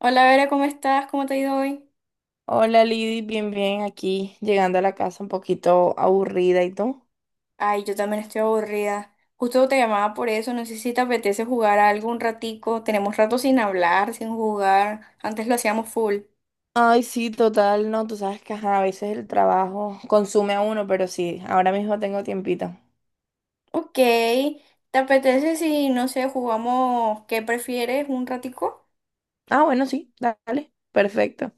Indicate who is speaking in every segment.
Speaker 1: Hola Vera, ¿cómo estás? ¿Cómo te ha ido hoy?
Speaker 2: Hola Lidy, bien, bien, aquí llegando a la casa un poquito aburrida y tú.
Speaker 1: Ay, yo también estoy aburrida. Justo te llamaba por eso, no sé si te apetece jugar algo un ratico. Tenemos rato sin hablar, sin jugar. Antes lo hacíamos full.
Speaker 2: Ay, sí, total, no, tú sabes que ajá, a veces el trabajo consume a uno, pero sí, ahora mismo tengo tiempito.
Speaker 1: Ok, ¿te apetece si, no sé, jugamos qué prefieres un ratico?
Speaker 2: Ah, bueno, sí, dale, perfecto.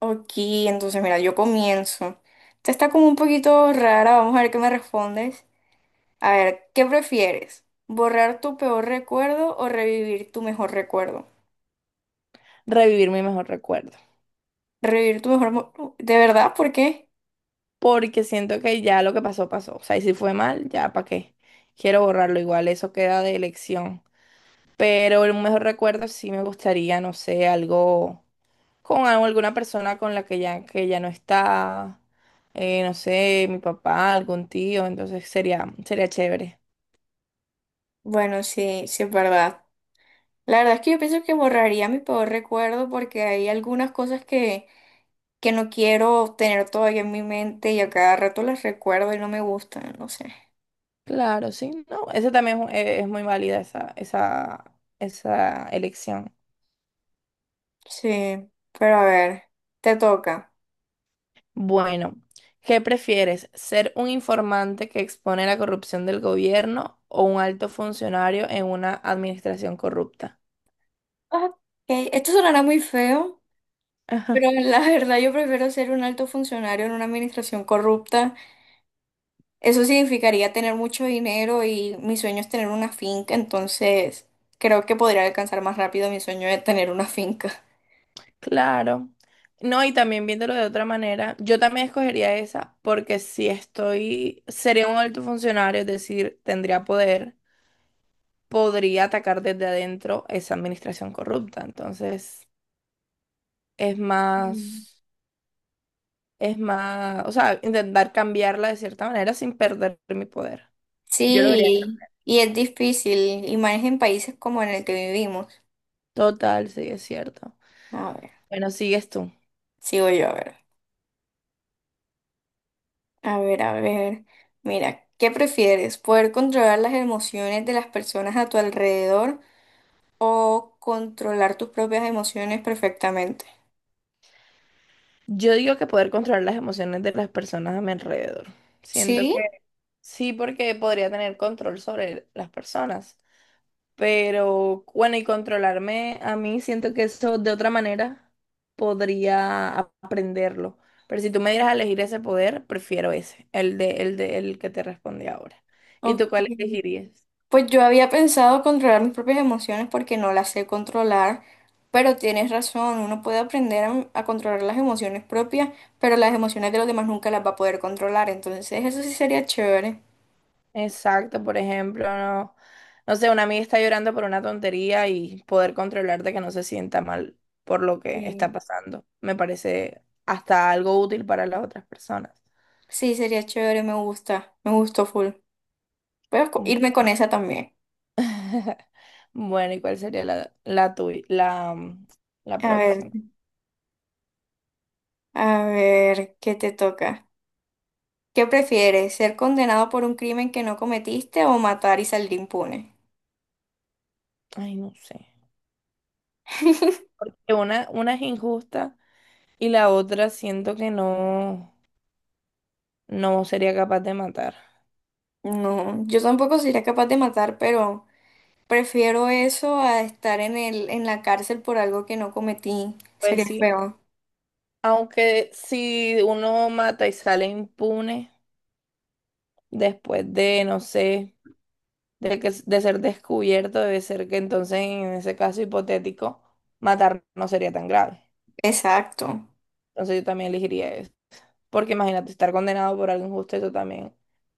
Speaker 1: Ok, entonces mira, yo comienzo. Esta está como un poquito rara, vamos a ver qué me respondes. A ver, ¿qué prefieres? ¿Borrar tu peor recuerdo o revivir tu mejor recuerdo?
Speaker 2: Revivir mi mejor recuerdo,
Speaker 1: Revivir tu mejor. ¿De verdad? ¿Por qué?
Speaker 2: porque siento que ya lo que pasó, pasó. O sea, y si fue mal, ya, ¿para qué? Quiero borrarlo, igual eso queda de elección. Pero el mejor recuerdo sí me gustaría, no sé, algo con alguna persona con la que ya no está, no sé, mi papá, algún tío, entonces sería, sería chévere.
Speaker 1: Bueno, sí, sí es verdad. La verdad es que yo pienso que borraría mi peor recuerdo porque hay algunas cosas que no quiero tener todavía en mi mente y a cada rato las recuerdo y no me gustan, no sé.
Speaker 2: Claro, sí, no, esa también es, es muy válida esa, esa, esa elección.
Speaker 1: Sí, pero a ver, te toca.
Speaker 2: Bueno, ¿qué prefieres? ¿Ser un informante que expone la corrupción del gobierno o un alto funcionario en una administración corrupta?
Speaker 1: Ok, esto sonará muy feo, pero la verdad yo prefiero ser un alto funcionario en una administración corrupta. Eso significaría tener mucho dinero y mi sueño es tener una finca, entonces creo que podría alcanzar más rápido mi sueño de tener una finca.
Speaker 2: Claro. No, y también viéndolo de otra manera, yo también escogería esa porque si estoy, sería un alto funcionario, es decir, tendría poder, podría atacar desde adentro esa administración corrupta. Entonces, es
Speaker 1: Mm.
Speaker 2: más, es más, o sea, intentar cambiarla de cierta manera sin perder mi poder. Yo lo vería.
Speaker 1: Sí, y es difícil, y más en países como en el que vivimos.
Speaker 2: Total, sí, es cierto.
Speaker 1: A ver,
Speaker 2: Bueno, sigues tú.
Speaker 1: sigo yo, a ver. A ver, a ver. Mira, ¿qué prefieres? ¿Poder controlar las emociones de las personas a tu alrededor o controlar tus propias emociones perfectamente?
Speaker 2: Yo digo que poder controlar las emociones de las personas a mi alrededor. Siento
Speaker 1: Sí,
Speaker 2: que. Sí, porque podría tener control sobre las personas. Pero bueno, y controlarme a mí, siento que eso de otra manera podría aprenderlo. Pero si tú me dieras a elegir ese poder, prefiero ese, el de, el de, el que te respondí ahora. ¿Y tú
Speaker 1: ok.
Speaker 2: cuál elegirías?
Speaker 1: Pues yo había pensado controlar mis propias emociones porque no las sé controlar, pero tienes razón, uno puede aprender a controlar las emociones propias, pero las emociones de los demás nunca las va a poder controlar, entonces eso sí sería chévere.
Speaker 2: Exacto, por ejemplo, no, no sé, una amiga está llorando por una tontería y poder controlarte que no se sienta mal por lo que
Speaker 1: Sí.
Speaker 2: está pasando. Me parece hasta algo útil para las otras personas.
Speaker 1: Sí, sería chévere, me gusta, me gustó full. Voy a irme con esa también.
Speaker 2: Bueno, ¿y cuál sería la, la tuya, la, la
Speaker 1: A ver,
Speaker 2: próxima?
Speaker 1: a ver, ¿qué te toca? ¿Qué prefieres, ser condenado por un crimen que no cometiste o matar y salir impune?
Speaker 2: Ay, no sé. Porque una es injusta y la otra siento que no, no sería capaz de matar.
Speaker 1: No, yo tampoco sería capaz de matar, pero... Prefiero eso a estar en la cárcel por algo que no cometí.
Speaker 2: Pues
Speaker 1: Sería
Speaker 2: sí,
Speaker 1: feo.
Speaker 2: aunque si uno mata y sale impune después de, no sé, de que, de ser descubierto, debe ser que entonces en ese caso hipotético, matar no sería tan grave.
Speaker 1: Exacto.
Speaker 2: Entonces yo también elegiría eso. Porque imagínate, estar condenado por algo injusto, eso también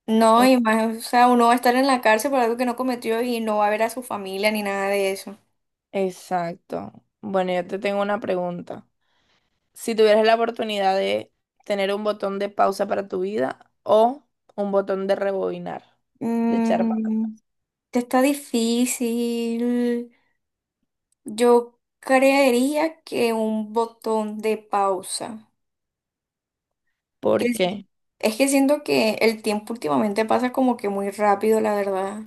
Speaker 1: No,
Speaker 2: es.
Speaker 1: y más, o sea, uno va a estar en la cárcel por algo que no cometió y no va a ver a su familia ni nada de eso.
Speaker 2: Exacto. Bueno, yo te tengo una pregunta. Si tuvieras la oportunidad de tener un botón de pausa para tu vida o un botón de rebobinar, de echar para atrás.
Speaker 1: Mm, está difícil. Yo creería que un botón de pausa.
Speaker 2: ¿Por
Speaker 1: Que sí.
Speaker 2: qué?
Speaker 1: Es que siento que el tiempo últimamente pasa como que muy rápido, la verdad.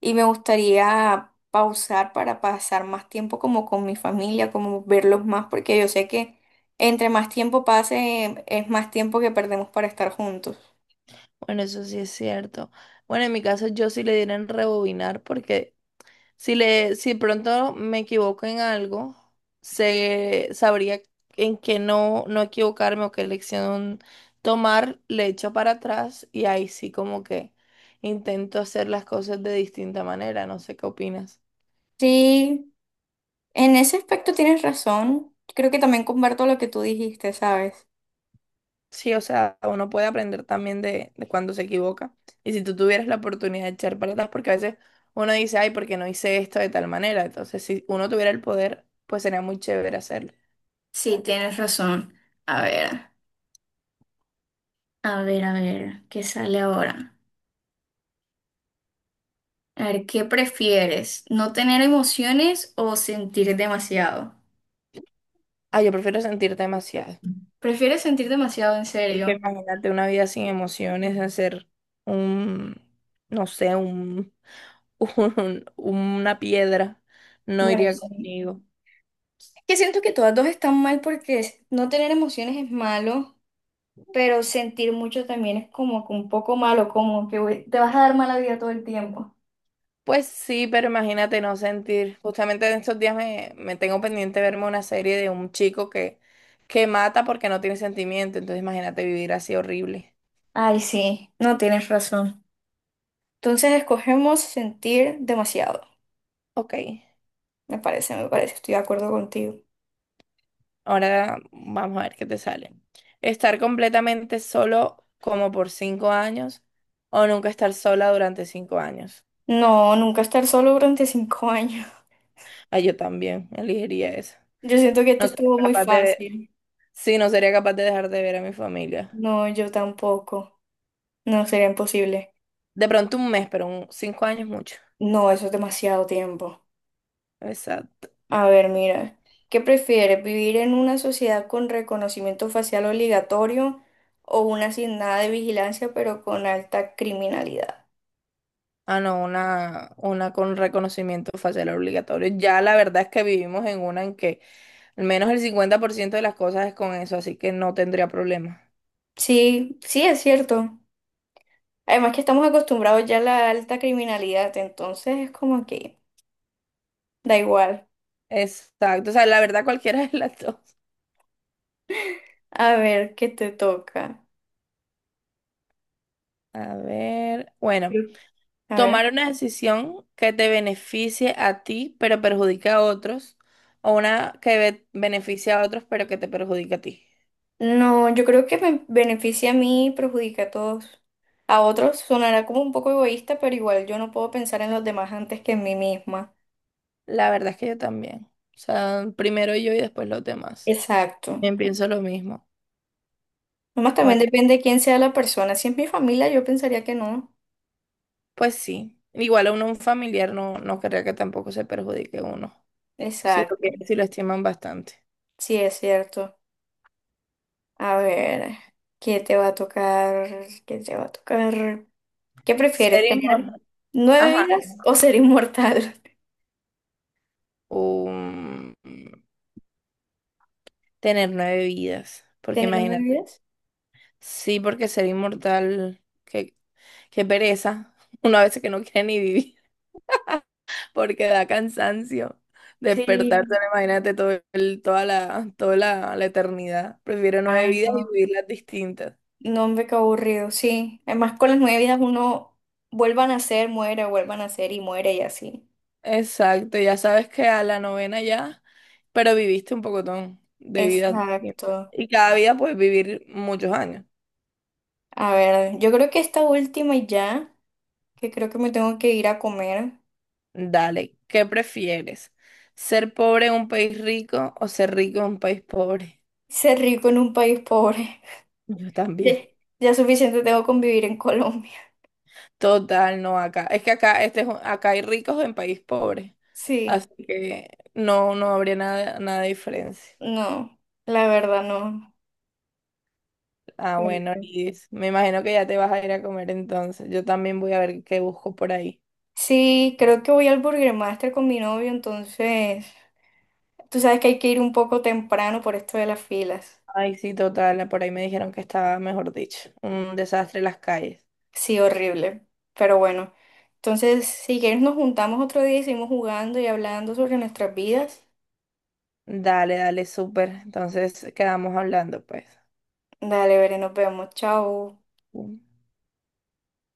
Speaker 1: Y me gustaría pausar para pasar más tiempo como con mi familia, como verlos más, porque yo sé que entre más tiempo pase, es más tiempo que perdemos para estar juntos.
Speaker 2: Bueno, eso sí es cierto. Bueno, en mi caso yo sí le diera en rebobinar porque si le, si pronto me equivoco en algo, se sabría en qué no, no equivocarme o qué lección tomar, le echo para atrás y ahí sí como que intento hacer las cosas de distinta manera, no sé qué opinas.
Speaker 1: Sí, en ese aspecto tienes razón. Creo que también comparto lo que tú dijiste, ¿sabes?
Speaker 2: Sí, o sea, uno puede aprender también de cuando se equivoca. Y si tú tuvieras la oportunidad de echar para atrás, porque a veces uno dice, ay, ¿porque no hice esto de tal manera? Entonces, si uno tuviera el poder, pues sería muy chévere hacerlo.
Speaker 1: Sí, tienes razón. A ver, a ver, a ver, ¿qué sale ahora? A ver, ¿qué prefieres? ¿No tener emociones o sentir demasiado?
Speaker 2: Ah, yo prefiero sentir demasiado.
Speaker 1: ¿Prefieres sentir demasiado en serio?
Speaker 2: Porque imagínate una vida sin emociones, hacer un, no sé, un, una piedra, no
Speaker 1: Bueno,
Speaker 2: iría
Speaker 1: sí.
Speaker 2: conmigo.
Speaker 1: Que siento que todas dos están mal porque no tener emociones es malo, pero sentir mucho también es como que un poco malo, como que güey, te vas a dar mala vida todo el tiempo.
Speaker 2: Pues sí, pero imagínate no sentir. Justamente en estos días me, me tengo pendiente verme una serie de un chico que mata porque no tiene sentimiento. Entonces imagínate vivir así horrible.
Speaker 1: Ay, sí, no tienes razón. Entonces escogemos sentir demasiado.
Speaker 2: Ok,
Speaker 1: Me parece, estoy de acuerdo contigo.
Speaker 2: ahora vamos a ver qué te sale. Estar completamente solo como por 5 años o nunca estar sola durante 5 años.
Speaker 1: No, nunca estar solo durante 5 años.
Speaker 2: Ah, yo también elegiría esa.
Speaker 1: Yo siento que este
Speaker 2: No sería
Speaker 1: estuvo muy
Speaker 2: capaz de ver,
Speaker 1: fácil.
Speaker 2: sí, no sería capaz de dejar de ver a mi familia.
Speaker 1: No, yo tampoco. No, sería imposible.
Speaker 2: De pronto un mes, pero un, 5 años mucho.
Speaker 1: No, eso es demasiado tiempo.
Speaker 2: Exacto.
Speaker 1: A ver, mira, ¿qué prefieres? ¿Vivir en una sociedad con reconocimiento facial obligatorio o una sin nada de vigilancia pero con alta criminalidad?
Speaker 2: Ah, no, una con reconocimiento facial obligatorio. Ya la verdad es que vivimos en una en que al menos el 50% de las cosas es con eso, así que no tendría problema.
Speaker 1: Sí, sí, es cierto. Además que estamos acostumbrados ya a la alta criminalidad, entonces es como que da igual.
Speaker 2: Exacto. O sea, la verdad cualquiera de las dos.
Speaker 1: A ver, ¿qué te toca?
Speaker 2: A ver, bueno.
Speaker 1: Creo- A ver.
Speaker 2: Tomar una decisión que te beneficie a ti, pero perjudica a otros, o una que beneficie a otros, pero que te perjudica a ti.
Speaker 1: No, yo creo que me beneficia a mí y perjudica a todos. A otros sonará como un poco egoísta, pero igual yo no puedo pensar en los demás antes que en mí misma.
Speaker 2: La verdad es que yo también. O sea, primero yo y después los demás.
Speaker 1: Exacto.
Speaker 2: Bien, pienso lo mismo.
Speaker 1: Nomás también
Speaker 2: Bueno,
Speaker 1: depende de quién sea la persona. Si es mi familia, yo pensaría que no.
Speaker 2: pues sí. Igual a uno, un familiar no, no querría que tampoco se perjudique uno.
Speaker 1: Exacto.
Speaker 2: Si lo estiman bastante.
Speaker 1: Sí, es cierto. A ver, ¿qué te va a tocar? ¿Qué te va a tocar? ¿Qué
Speaker 2: Ser
Speaker 1: prefieres, tener
Speaker 2: inmortal.
Speaker 1: nueve
Speaker 2: Ajá.
Speaker 1: vidas o ser inmortal?
Speaker 2: Um, tener 9 vidas. Porque
Speaker 1: ¿Tener nueve
Speaker 2: imagínate.
Speaker 1: vidas?
Speaker 2: Sí, porque ser inmortal. Que qué pereza. Una vez que no quiere ni vivir porque da cansancio. Despertarse,
Speaker 1: Sí.
Speaker 2: ahora imagínate toda la, la eternidad. Prefiero nueve
Speaker 1: Ay,
Speaker 2: vidas y
Speaker 1: no.
Speaker 2: vivirlas distintas.
Speaker 1: No, hombre, qué aburrido. Sí. Además, con las nueve vidas uno vuelva a nacer, muere, vuelva a nacer y muere y así.
Speaker 2: Exacto, ya sabes que a la novena ya, pero viviste un pocotón de vidas distintas.
Speaker 1: Exacto.
Speaker 2: Y cada vida puedes vivir muchos años.
Speaker 1: A ver, yo creo que esta última y ya, que creo que me tengo que ir a comer.
Speaker 2: Dale, ¿qué prefieres? ¿Ser pobre en un país rico o ser rico en un país pobre?
Speaker 1: Ser rico en un país pobre.
Speaker 2: Yo
Speaker 1: Ya,
Speaker 2: también.
Speaker 1: ya suficiente tengo con vivir en Colombia.
Speaker 2: Total, no acá. Es que acá, acá hay ricos en país pobre.
Speaker 1: Sí,
Speaker 2: Así que no, no habría nada, nada de diferencia.
Speaker 1: no, la verdad no.
Speaker 2: Ah, bueno, Lidis, me imagino que ya te vas a ir a comer entonces. Yo también voy a ver qué busco por ahí.
Speaker 1: Sí, creo que voy al Burger Master con mi novio, entonces tú sabes que hay que ir un poco temprano por esto de las filas.
Speaker 2: Ay, sí, total, por ahí me dijeron que estaba, mejor dicho, un desastre las calles.
Speaker 1: Sí, horrible, pero bueno. Entonces, si quieres nos juntamos otro día y seguimos jugando y hablando sobre nuestras vidas.
Speaker 2: Dale, dale, súper. Entonces quedamos hablando, pues.
Speaker 1: Dale, veré, nos vemos. Chao.